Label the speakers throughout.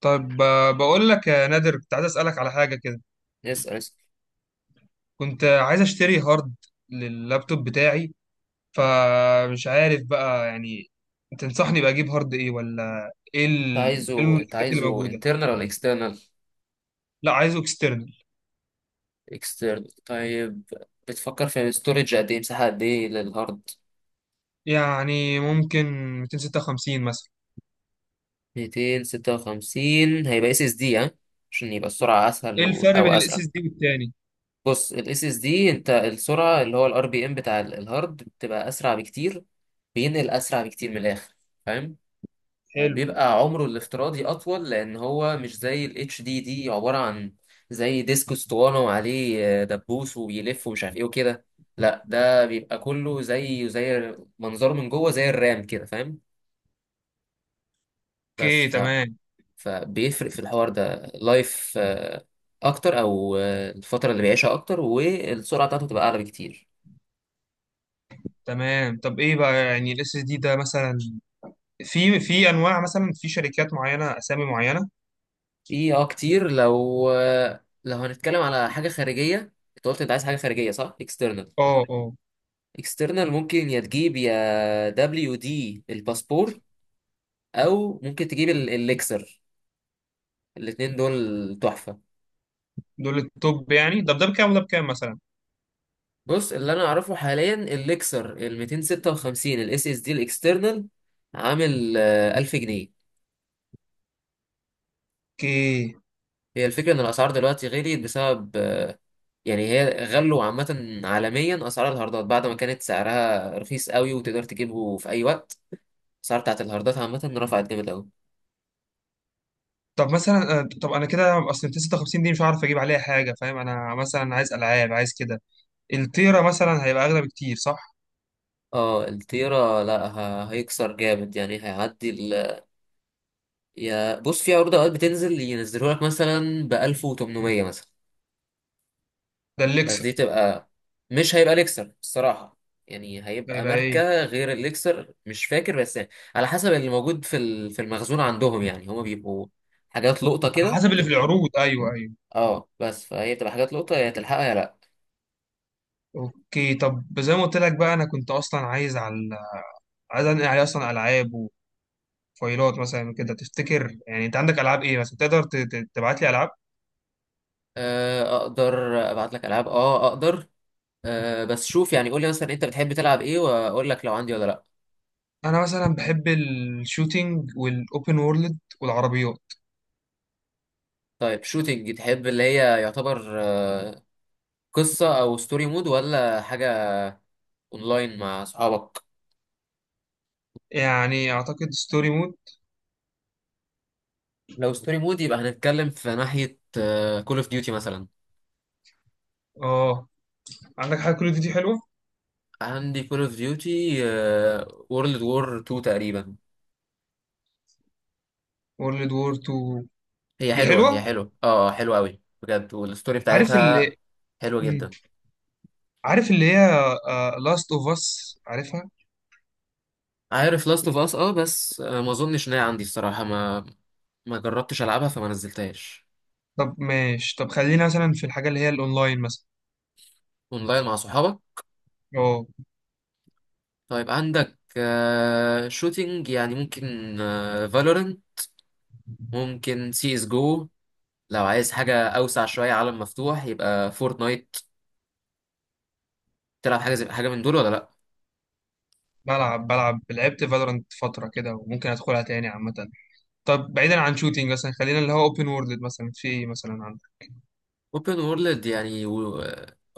Speaker 1: طيب، بقول لك يا نادر كنت عايز اسالك على حاجه كده.
Speaker 2: اسأل، اسأل.
Speaker 1: كنت عايز اشتري هارد لللابتوب بتاعي، فمش عارف بقى يعني تنصحني بقى اجيب هارد ايه، ولا ايه
Speaker 2: انت
Speaker 1: إيه
Speaker 2: عايزه انت
Speaker 1: المنافسات اللي
Speaker 2: عايزه
Speaker 1: موجوده؟
Speaker 2: internal ولا external.
Speaker 1: لا، عايزه اكسترنال.
Speaker 2: External، طيب. بتفكر في storage قد ايه، مساحة قد ايه للهارد؟
Speaker 1: يعني ممكن 256 مثلا.
Speaker 2: 256 هيبقى اس اس دي، ها. عشان يبقى السرعة اسهل،
Speaker 1: ايه الفرق
Speaker 2: او
Speaker 1: بين الاس
Speaker 2: اسرع.
Speaker 1: اس دي والتاني؟
Speaker 2: بص، الاس اس دي انت السرعة اللي هو الار بي ام بتاع الهارد بتبقى اسرع بكتير. بينقل اسرع بكتير من الاخر، فاهم؟
Speaker 1: حلو.
Speaker 2: وبيبقى عمره الافتراضي أطول، لأن هو مش زي ال HDD، عبارة عن زي ديسك اسطوانة وعليه دبوس وبيلف ومش عارف إيه وكده. لا، ده بيبقى كله زي منظره من جوه، زي الرام كده، فاهم؟ بس
Speaker 1: اوكي،
Speaker 2: ف...
Speaker 1: تمام.
Speaker 2: فبيفرق في الحوار ده لايف أكتر، أو الفترة اللي بيعيشها أكتر، والسرعة بتاعته تبقى أعلى بكتير.
Speaker 1: تمام. طب ايه بقى يعني الاس اس دي ده مثلا، في انواع، مثلا في شركات معينه اسامي معينه؟
Speaker 2: في كتير. لو لو هنتكلم على حاجة خارجية، أنت قلت أنت عايز حاجة خارجية، صح؟ External،
Speaker 1: اه اه.
Speaker 2: اكسترنال ممكن يا تجيب يا دبليو دي الباسبور، او ممكن تجيب الليكسر. الاتنين دول تحفة.
Speaker 1: دول التوب يعني. طب ده بكام وده بكام مثلا؟
Speaker 2: بص، اللي انا اعرفه حاليا الليكسر ال 256 الاس اس دي الاكسترنال، عامل 1000 جنيه.
Speaker 1: اوكي.
Speaker 2: هي الفكرة ان الاسعار دلوقتي غليت بسبب، يعني هي غلوا عامة عالميا، اسعار الهاردات بعد ما كانت سعرها رخيص قوي وتقدر تجيبه في اي وقت. الاسعار بتاعت الهاردات عامة رفعت جامد قوي.
Speaker 1: طب مثلا، طب انا كده اصل 256 دي مش هعرف اجيب عليها حاجه فاهم؟ انا مثلا عايز العاب، عايز كده. التيرا مثلا هيبقى اغلى بكتير صح؟
Speaker 2: اه، التيرا لا هيكسر جامد، يعني هيعدي. يا بص، في عروض اوقات بتنزل، ينزلوا لك مثلا ب 1800 مثلا.
Speaker 1: ده
Speaker 2: بس
Speaker 1: الليكسر؟
Speaker 2: دي تبقى، مش هيبقى ليكسر الصراحه، يعني هيبقى
Speaker 1: هيبقى ايه؟
Speaker 2: ماركه غير الليكسر، مش فاكر بس يعني. على حسب اللي موجود في المخزون عندهم، يعني هما بيبقوا حاجات لقطه
Speaker 1: على
Speaker 2: كده،
Speaker 1: حسب اللي في
Speaker 2: تبقى
Speaker 1: العروض. ايوه ايوه.
Speaker 2: اه، بس فهي بتبقى حاجات لقطه، يا تلحقها يا لا.
Speaker 1: اوكي. طب زي ما قلت لك بقى، انا كنت اصلا عايز على، عايز انقل عليه اصلا العاب وفايلات مثلا وكده. تفتكر يعني انت عندك العاب ايه مثلا تقدر تبعت لي العاب؟
Speaker 2: اقدر ابعت لك العاب، اه اقدر. أه، بس شوف، يعني قول لي مثلا انت بتحب تلعب ايه واقول لك لو عندي ولا لا.
Speaker 1: انا مثلا بحب الشوتينج والاوبن وورلد والعربيات.
Speaker 2: طيب، شوتينج تحب اللي هي يعتبر قصة أو ستوري مود ولا حاجة؟ أونلاين مع أصحابك؟
Speaker 1: يعني اعتقد ستوري مود.
Speaker 2: لو ستوري مود يبقى هنتكلم في ناحية كول اوف ديوتي مثلا.
Speaker 1: اه. عندك حاجه؟ كل دي حلوه.
Speaker 2: عندي كول اوف ديوتي وورلد وور 2 تقريبا.
Speaker 1: وورلد وور 2.
Speaker 2: هي
Speaker 1: دي
Speaker 2: حلوة،
Speaker 1: حلوة.
Speaker 2: هي حلوة، اه، حلوة أوي بجد، والستوري
Speaker 1: عارف
Speaker 2: بتاعتها
Speaker 1: اللي.
Speaker 2: حلوة
Speaker 1: مم.
Speaker 2: جدا.
Speaker 1: عارف اللي هي لاست اوف اس، عارفها؟
Speaker 2: عارف لاست اوف اس، اه بس ما اظنش ان هي عندي الصراحة، ما ما جربتش العبها فما نزلتهاش.
Speaker 1: طب ماشي. طب خلينا مثلا في الحاجة اللي هي الاونلاين مثلا.
Speaker 2: اونلاين مع صحابك.
Speaker 1: اه.
Speaker 2: طيب، عندك شوتينج، يعني ممكن فالورنت، ممكن سي اس جو. لو عايز حاجة أوسع شوية، عالم مفتوح، يبقى فورتنايت. تلعب حاجة زي حاجة من دول ولا لأ؟
Speaker 1: بلعب بلعب، لعبت فالورانت فترة كده وممكن ادخلها تاني عامة. طب بعيدا عن شوتينج، مثلا خلينا اللي هو اوبن وورلد مثلا في ايه مثلا عندك؟
Speaker 2: أوبن وورلد، يعني.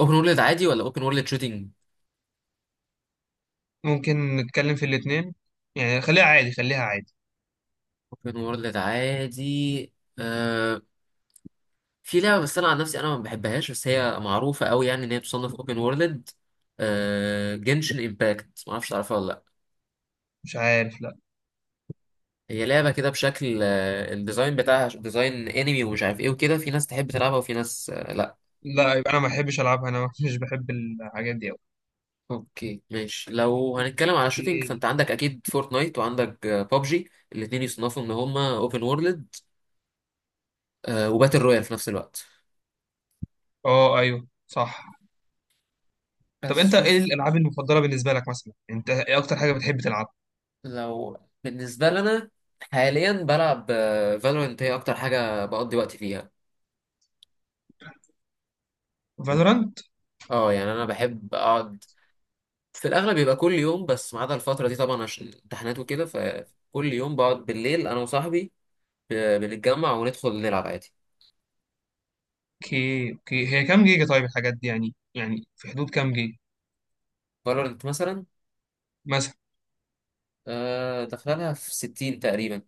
Speaker 2: أوبن وورلد عادي ولا أوبن وورلد شوتينج؟
Speaker 1: ممكن نتكلم في الاتنين. يعني خليها عادي خليها عادي.
Speaker 2: أوبن وورلد عادي. آه... في لعبة، بس أنا عن نفسي أنا ما بحبهاش، بس هي معروفة أوي، يعني إن هي تصنف أوبن وورلد. جنشن إمباكت، معرفش تعرفها ولا لأ؟
Speaker 1: مش عارف، لا.
Speaker 2: هي لعبة كده بشكل، الديزاين بتاعها ديزاين أنمي ومش عارف إيه وكده، في ناس تحب تلعبها وفي ناس لأ.
Speaker 1: لا، يبقى انا ما بحبش العبها انا مش بحب الحاجات دي أوي.
Speaker 2: اوكي، ماشي. لو هنتكلم على شوتينج
Speaker 1: اوكي.
Speaker 2: فانت عندك اكيد فورتنايت وعندك بابجي، الاثنين يصنفوا ان هما اوبن وورلد وباتل رويال في نفس الوقت.
Speaker 1: اه، ايوه صح. طب
Speaker 2: بس
Speaker 1: انت ايه
Speaker 2: شوف،
Speaker 1: الالعاب المفضله بالنسبه لك مثلا؟ انت ايه اكتر حاجه بتحب تلعب؟
Speaker 2: لو بالنسبه لنا حاليا بلعب فالورنت، هي اكتر حاجه بقضي وقتي فيها.
Speaker 1: فالورانت.
Speaker 2: اه، يعني انا بحب اقعد في الاغلب، بيبقى كل يوم بس ما عدا الفتره دي طبعا عشان امتحانات وكده، فكل يوم بقعد بالليل انا وصاحبي، بنتجمع وندخل نلعب عادي.
Speaker 1: اوكي اوكي. هي كام جيجا طيب الحاجات دي؟ يعني في حدود كام جيجا
Speaker 2: فالورنت مثلا،
Speaker 1: مثلا؟
Speaker 2: داخلها في 60 تقريبا.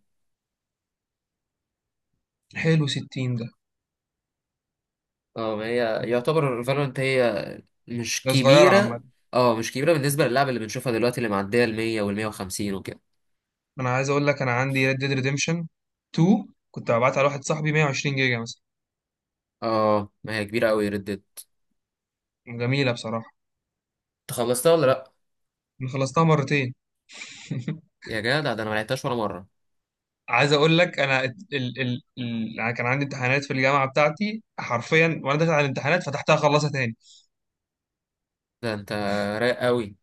Speaker 1: حلو. 60 ده؟
Speaker 2: اه، ما هي يعتبر فالورنت هي مش
Speaker 1: ده صغيره
Speaker 2: كبيرة.
Speaker 1: عامه.
Speaker 2: اه، مش كبيرة بالنسبة للعبة اللي بنشوفها دلوقتي، اللي معدية ال 100 وال 150 وكده.
Speaker 1: انا عايز اقول لك، انا عندي ريد ديد ريديمشن 2. كنت ببعتها لواحد صاحبي، 120 جيجا مثلا.
Speaker 2: اه، ما هي كبيرة قوي ريد ديد.
Speaker 1: جميله بصراحه.
Speaker 2: انت خلصتها ولا لأ؟
Speaker 1: انا خلصتها مرتين.
Speaker 2: يا جدع، ده انا ما لعبتهاش ولا مرة.
Speaker 1: عايز اقول لك انا، ال ال ال انا كان عندي امتحانات في الجامعه بتاعتي حرفيا، وانا داخل على الامتحانات فتحتها خلصها تاني.
Speaker 2: ده انت رايق قوي.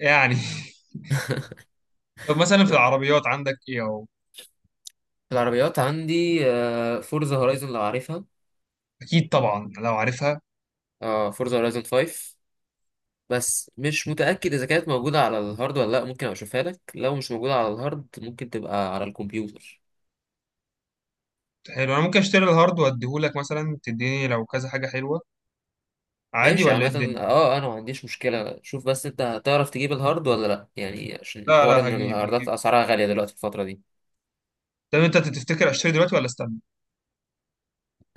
Speaker 1: يعني. طب مثلا، في
Speaker 2: في
Speaker 1: العربيات عندك ايه اهو؟
Speaker 2: العربيات عندي فورزا هورايزون، لو عارفها،
Speaker 1: اكيد طبعا لو عارفها.
Speaker 2: اه، فورزا هورايزون 5. بس مش متأكد إذا كانت موجودة على الهارد ولا لأ، ممكن أبقى أشوفها لك، لو مش موجودة على الهارد ممكن تبقى على الكمبيوتر.
Speaker 1: حلو. انا ممكن اشتري الهارد واديهولك مثلا، تديني لو كذا حاجه حلوه، عادي
Speaker 2: ماشي،
Speaker 1: ولا ايه
Speaker 2: عامة
Speaker 1: الدنيا؟
Speaker 2: اه، انا ما عنديش مشكلة. شوف بس، انت هتعرف تجيب الهارد ولا لا يعني، عشان
Speaker 1: لا
Speaker 2: حوار
Speaker 1: لا،
Speaker 2: ان
Speaker 1: هجيب
Speaker 2: الهاردات
Speaker 1: هجيب.
Speaker 2: اسعارها غالية دلوقتي الفترة دي.
Speaker 1: طب انت تفتكر اشتري دلوقتي ولا استنى؟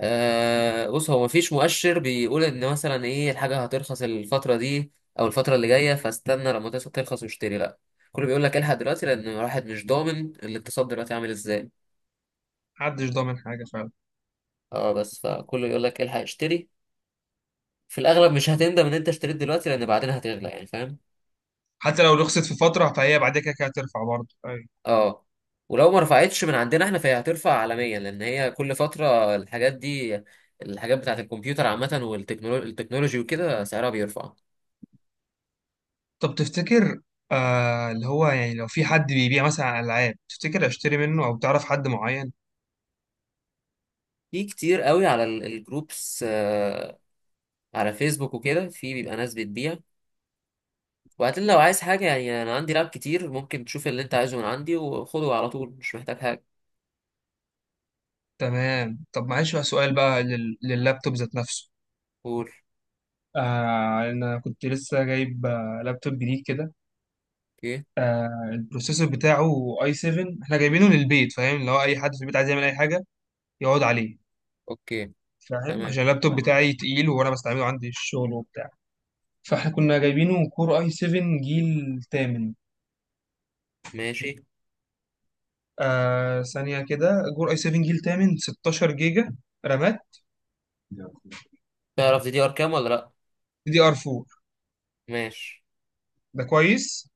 Speaker 2: بص، هو مفيش مؤشر بيقول ان مثلا ايه الحاجة هترخص الفترة دي او الفترة اللي جاية، فاستنى لما ترخص واشتري، لا. كله بيقول لك الحق دلوقتي، لان الواحد مش ضامن الاقتصاد دلوقتي عامل ازاي.
Speaker 1: محدش ضامن حاجه فعلا.
Speaker 2: اه، بس فكله يقول لك الحق اشتري، في الاغلب مش هتندم ان انت اشتريت دلوقتي، لان بعدين هتغلى يعني، فاهم؟
Speaker 1: حتى لو رخصت في فتره، فهي بعد كده كده هترفع برضه. أيوة.
Speaker 2: اه. ولو ما رفعتش من عندنا احنا فهي هترفع عالميا، لان هي كل فتره الحاجات دي، الحاجات بتاعت الكمبيوتر عامه، والتكنولوجي وكده سعرها بيرفع.
Speaker 1: طب تفتكر، اللي هو يعني، لو في حد بيبيع مثلا العاب، تفتكر اشتري منه او تعرف حد معين؟
Speaker 2: في كتير قوي على الجروبس، على فيسبوك وكده، في بيبقى ناس بتبيع. وبعدين لو عايز حاجه يعني، انا عندي لاب كتير، ممكن تشوف اللي انت عايزه من عندي وخده على طول، مش محتاج حاجه.
Speaker 1: تمام. طب معلش بقى، سؤال بقى لللابتوب ذات نفسه.
Speaker 2: قول.
Speaker 1: انا كنت لسه جايب لابتوب جديد كده.
Speaker 2: اوكي.
Speaker 1: البروسيسور بتاعه اي 7. احنا جايبينه للبيت فاهم، لو اي حد في البيت عايز يعمل اي حاجه يقعد عليه.
Speaker 2: اوكي،
Speaker 1: فاهم عشان
Speaker 2: تمام،
Speaker 1: اللابتوب بتاعي تقيل، وانا بستعمله عندي الشغل وبتاع. فاحنا كنا جايبينه كور اي 7 جيل تامن.
Speaker 2: ماشي.
Speaker 1: ثانيه كده. كور اي 7 جيل تامن، 16 جيجا رامات.
Speaker 2: تعرف دي دي ار كام ولا لا؟
Speaker 1: دي ار 4.
Speaker 2: ماشي.
Speaker 1: ده كويس.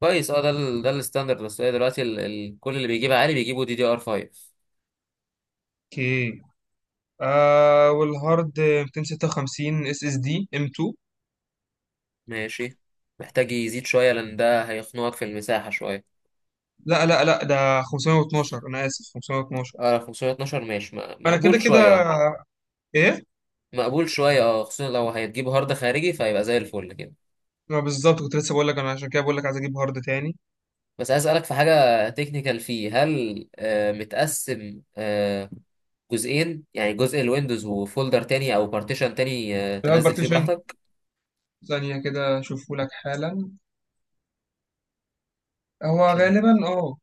Speaker 2: كويس، اه، ده الستاندرد، بس هي دلوقتي ال ال كل اللي بيجيب عالي بيجيبوا دي دي ار 5.
Speaker 1: اوكي. والهارد 256 اس اس دي ام 2.
Speaker 2: ماشي. محتاج يزيد شويه، لان ده هيخنقك في المساحه شويه.
Speaker 1: لا لا لا، ده 512، انا اسف، 512.
Speaker 2: اه، 512 ماشي،
Speaker 1: انا كده
Speaker 2: مقبول شويه،
Speaker 1: كده. إيه؟
Speaker 2: مقبول شويه، اه خصوصا لو هتجيب هارد خارجي فهيبقى زي الفل كده.
Speaker 1: ما بالظبط، كنت لسه بقول لك انا عشان كده بقول لك عايز اجيب هارد تاني.
Speaker 2: بس عايز اسالك في حاجه تكنيكال فيه، هل متقسم جزئين، يعني جزء الويندوز وفولدر تاني او بارتيشن تاني
Speaker 1: الهارد
Speaker 2: تنزل فيه
Speaker 1: بارتيشن؟
Speaker 2: براحتك؟
Speaker 1: ثانيه كده اشوفه لك حالا. هو
Speaker 2: عشان،
Speaker 1: غالبا اه.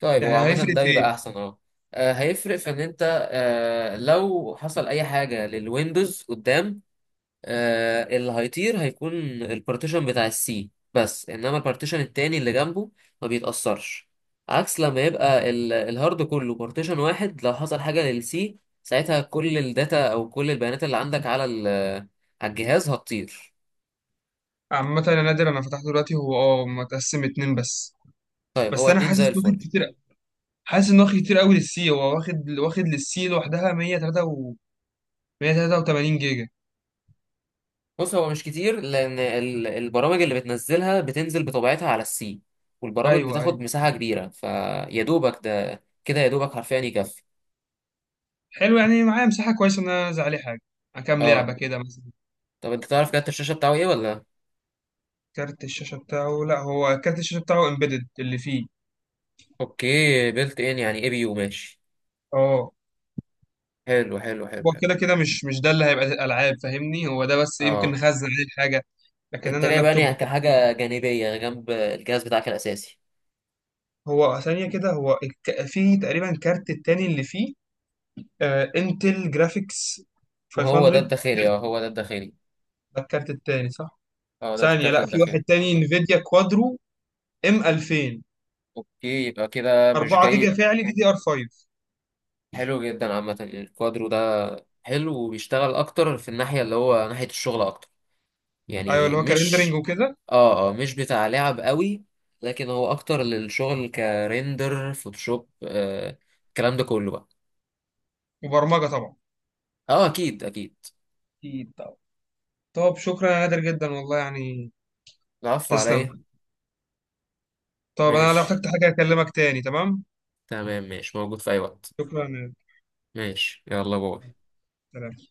Speaker 2: طيب هو
Speaker 1: يعني
Speaker 2: عامة
Speaker 1: هيفرق
Speaker 2: ده
Speaker 1: في
Speaker 2: بيبقى
Speaker 1: ايه؟
Speaker 2: أحسن، أه. هيفرق في إن أنت، لو حصل أي حاجة للويندوز قدام، اللي هيطير هيكون البارتيشن بتاع السي بس، إنما البارتيشن التاني اللي جنبه ما بيتأثرش. عكس لما يبقى الهارد كله بارتيشن واحد، لو حصل حاجة للسي ساعتها كل الداتا أو كل البيانات اللي عندك على على الجهاز هتطير.
Speaker 1: عامه انا نادر، انا فتحته دلوقتي، هو اه متقسم اتنين بس.
Speaker 2: طيب
Speaker 1: بس
Speaker 2: هو
Speaker 1: انا
Speaker 2: اتنين زي
Speaker 1: حاسس واخد
Speaker 2: الفل.
Speaker 1: كتير. حاسس ان واخد كتير قوي للسي. هو واخد واخد للسي لوحدها 103 و 183 جيجا.
Speaker 2: بص، هو مش كتير، لان البرامج اللي بتنزلها بتنزل بطبيعتها على السي، والبرامج
Speaker 1: ايوه
Speaker 2: بتاخد
Speaker 1: ايوه.
Speaker 2: مساحه كبيره، فيا دوبك ده كده، يا دوبك حرفيا يكفي.
Speaker 1: حلو، يعني معايا مساحه كويسه ان انا انزل عليه حاجه، كام لعبه
Speaker 2: اه.
Speaker 1: كده مثلا.
Speaker 2: طب انت تعرف كارت الشاشه بتاعه ايه ولا؟
Speaker 1: كارت الشاشه بتاعه، لا هو كارت الشاشه بتاعه امبيدد اللي فيه.
Speaker 2: اوكي، بيلت ان يعني اي بي يو، ماشي.
Speaker 1: اه.
Speaker 2: حلو، حلو، حلو،
Speaker 1: هو
Speaker 2: حلو.
Speaker 1: كده كده مش ده اللي هيبقى الالعاب فاهمني، هو ده بس يمكن
Speaker 2: اه،
Speaker 1: نخزن عليه حاجه. لكن
Speaker 2: انت
Speaker 1: انا
Speaker 2: جاي بقى
Speaker 1: اللابتوب
Speaker 2: لي
Speaker 1: بتاعي،
Speaker 2: كحاجه جانبيه جنب الجهاز بتاعك الاساسي.
Speaker 1: هو ثانيه كده، هو فيه تقريبا كارت التاني اللي فيه. انتل جرافيكس
Speaker 2: وهو ده
Speaker 1: 500.
Speaker 2: الداخلي، اه هو ده الداخلي.
Speaker 1: ده الكارت التاني صح؟
Speaker 2: اه، ده
Speaker 1: ثانيه،
Speaker 2: الكارت
Speaker 1: لا في
Speaker 2: الداخلي.
Speaker 1: واحد تاني، انفيديا كوادرو ام 2000.
Speaker 2: اوكي، يبقى كده مش
Speaker 1: 4
Speaker 2: جاي.
Speaker 1: جيجا فعلي دي دي ار 5.
Speaker 2: حلو جدا، عامة الكوادرو ده حلو، وبيشتغل أكتر في الناحية، اللي هو ناحية الشغل أكتر،
Speaker 1: ايوه،
Speaker 2: يعني
Speaker 1: اللي هو كرندرنج
Speaker 2: مش،
Speaker 1: وكده.
Speaker 2: مش بتاع لعب قوي، لكن هو أكتر للشغل، كريندر، فوتوشوب، الكلام ده كله بقى.
Speaker 1: وبرمجه طبعا.
Speaker 2: أكيد، أكيد.
Speaker 1: اكيد طبعا. طب شكرا يا نادر جدا والله، يعني.
Speaker 2: العفو عليا.
Speaker 1: تسلم. طب انا لو
Speaker 2: ماشي.
Speaker 1: احتجت حاجه اكلمك تاني، تمام؟
Speaker 2: تمام، ماشي، موجود في أي وقت.
Speaker 1: شكرا يا نادر.
Speaker 2: ماشي، يلا باي.
Speaker 1: سلام.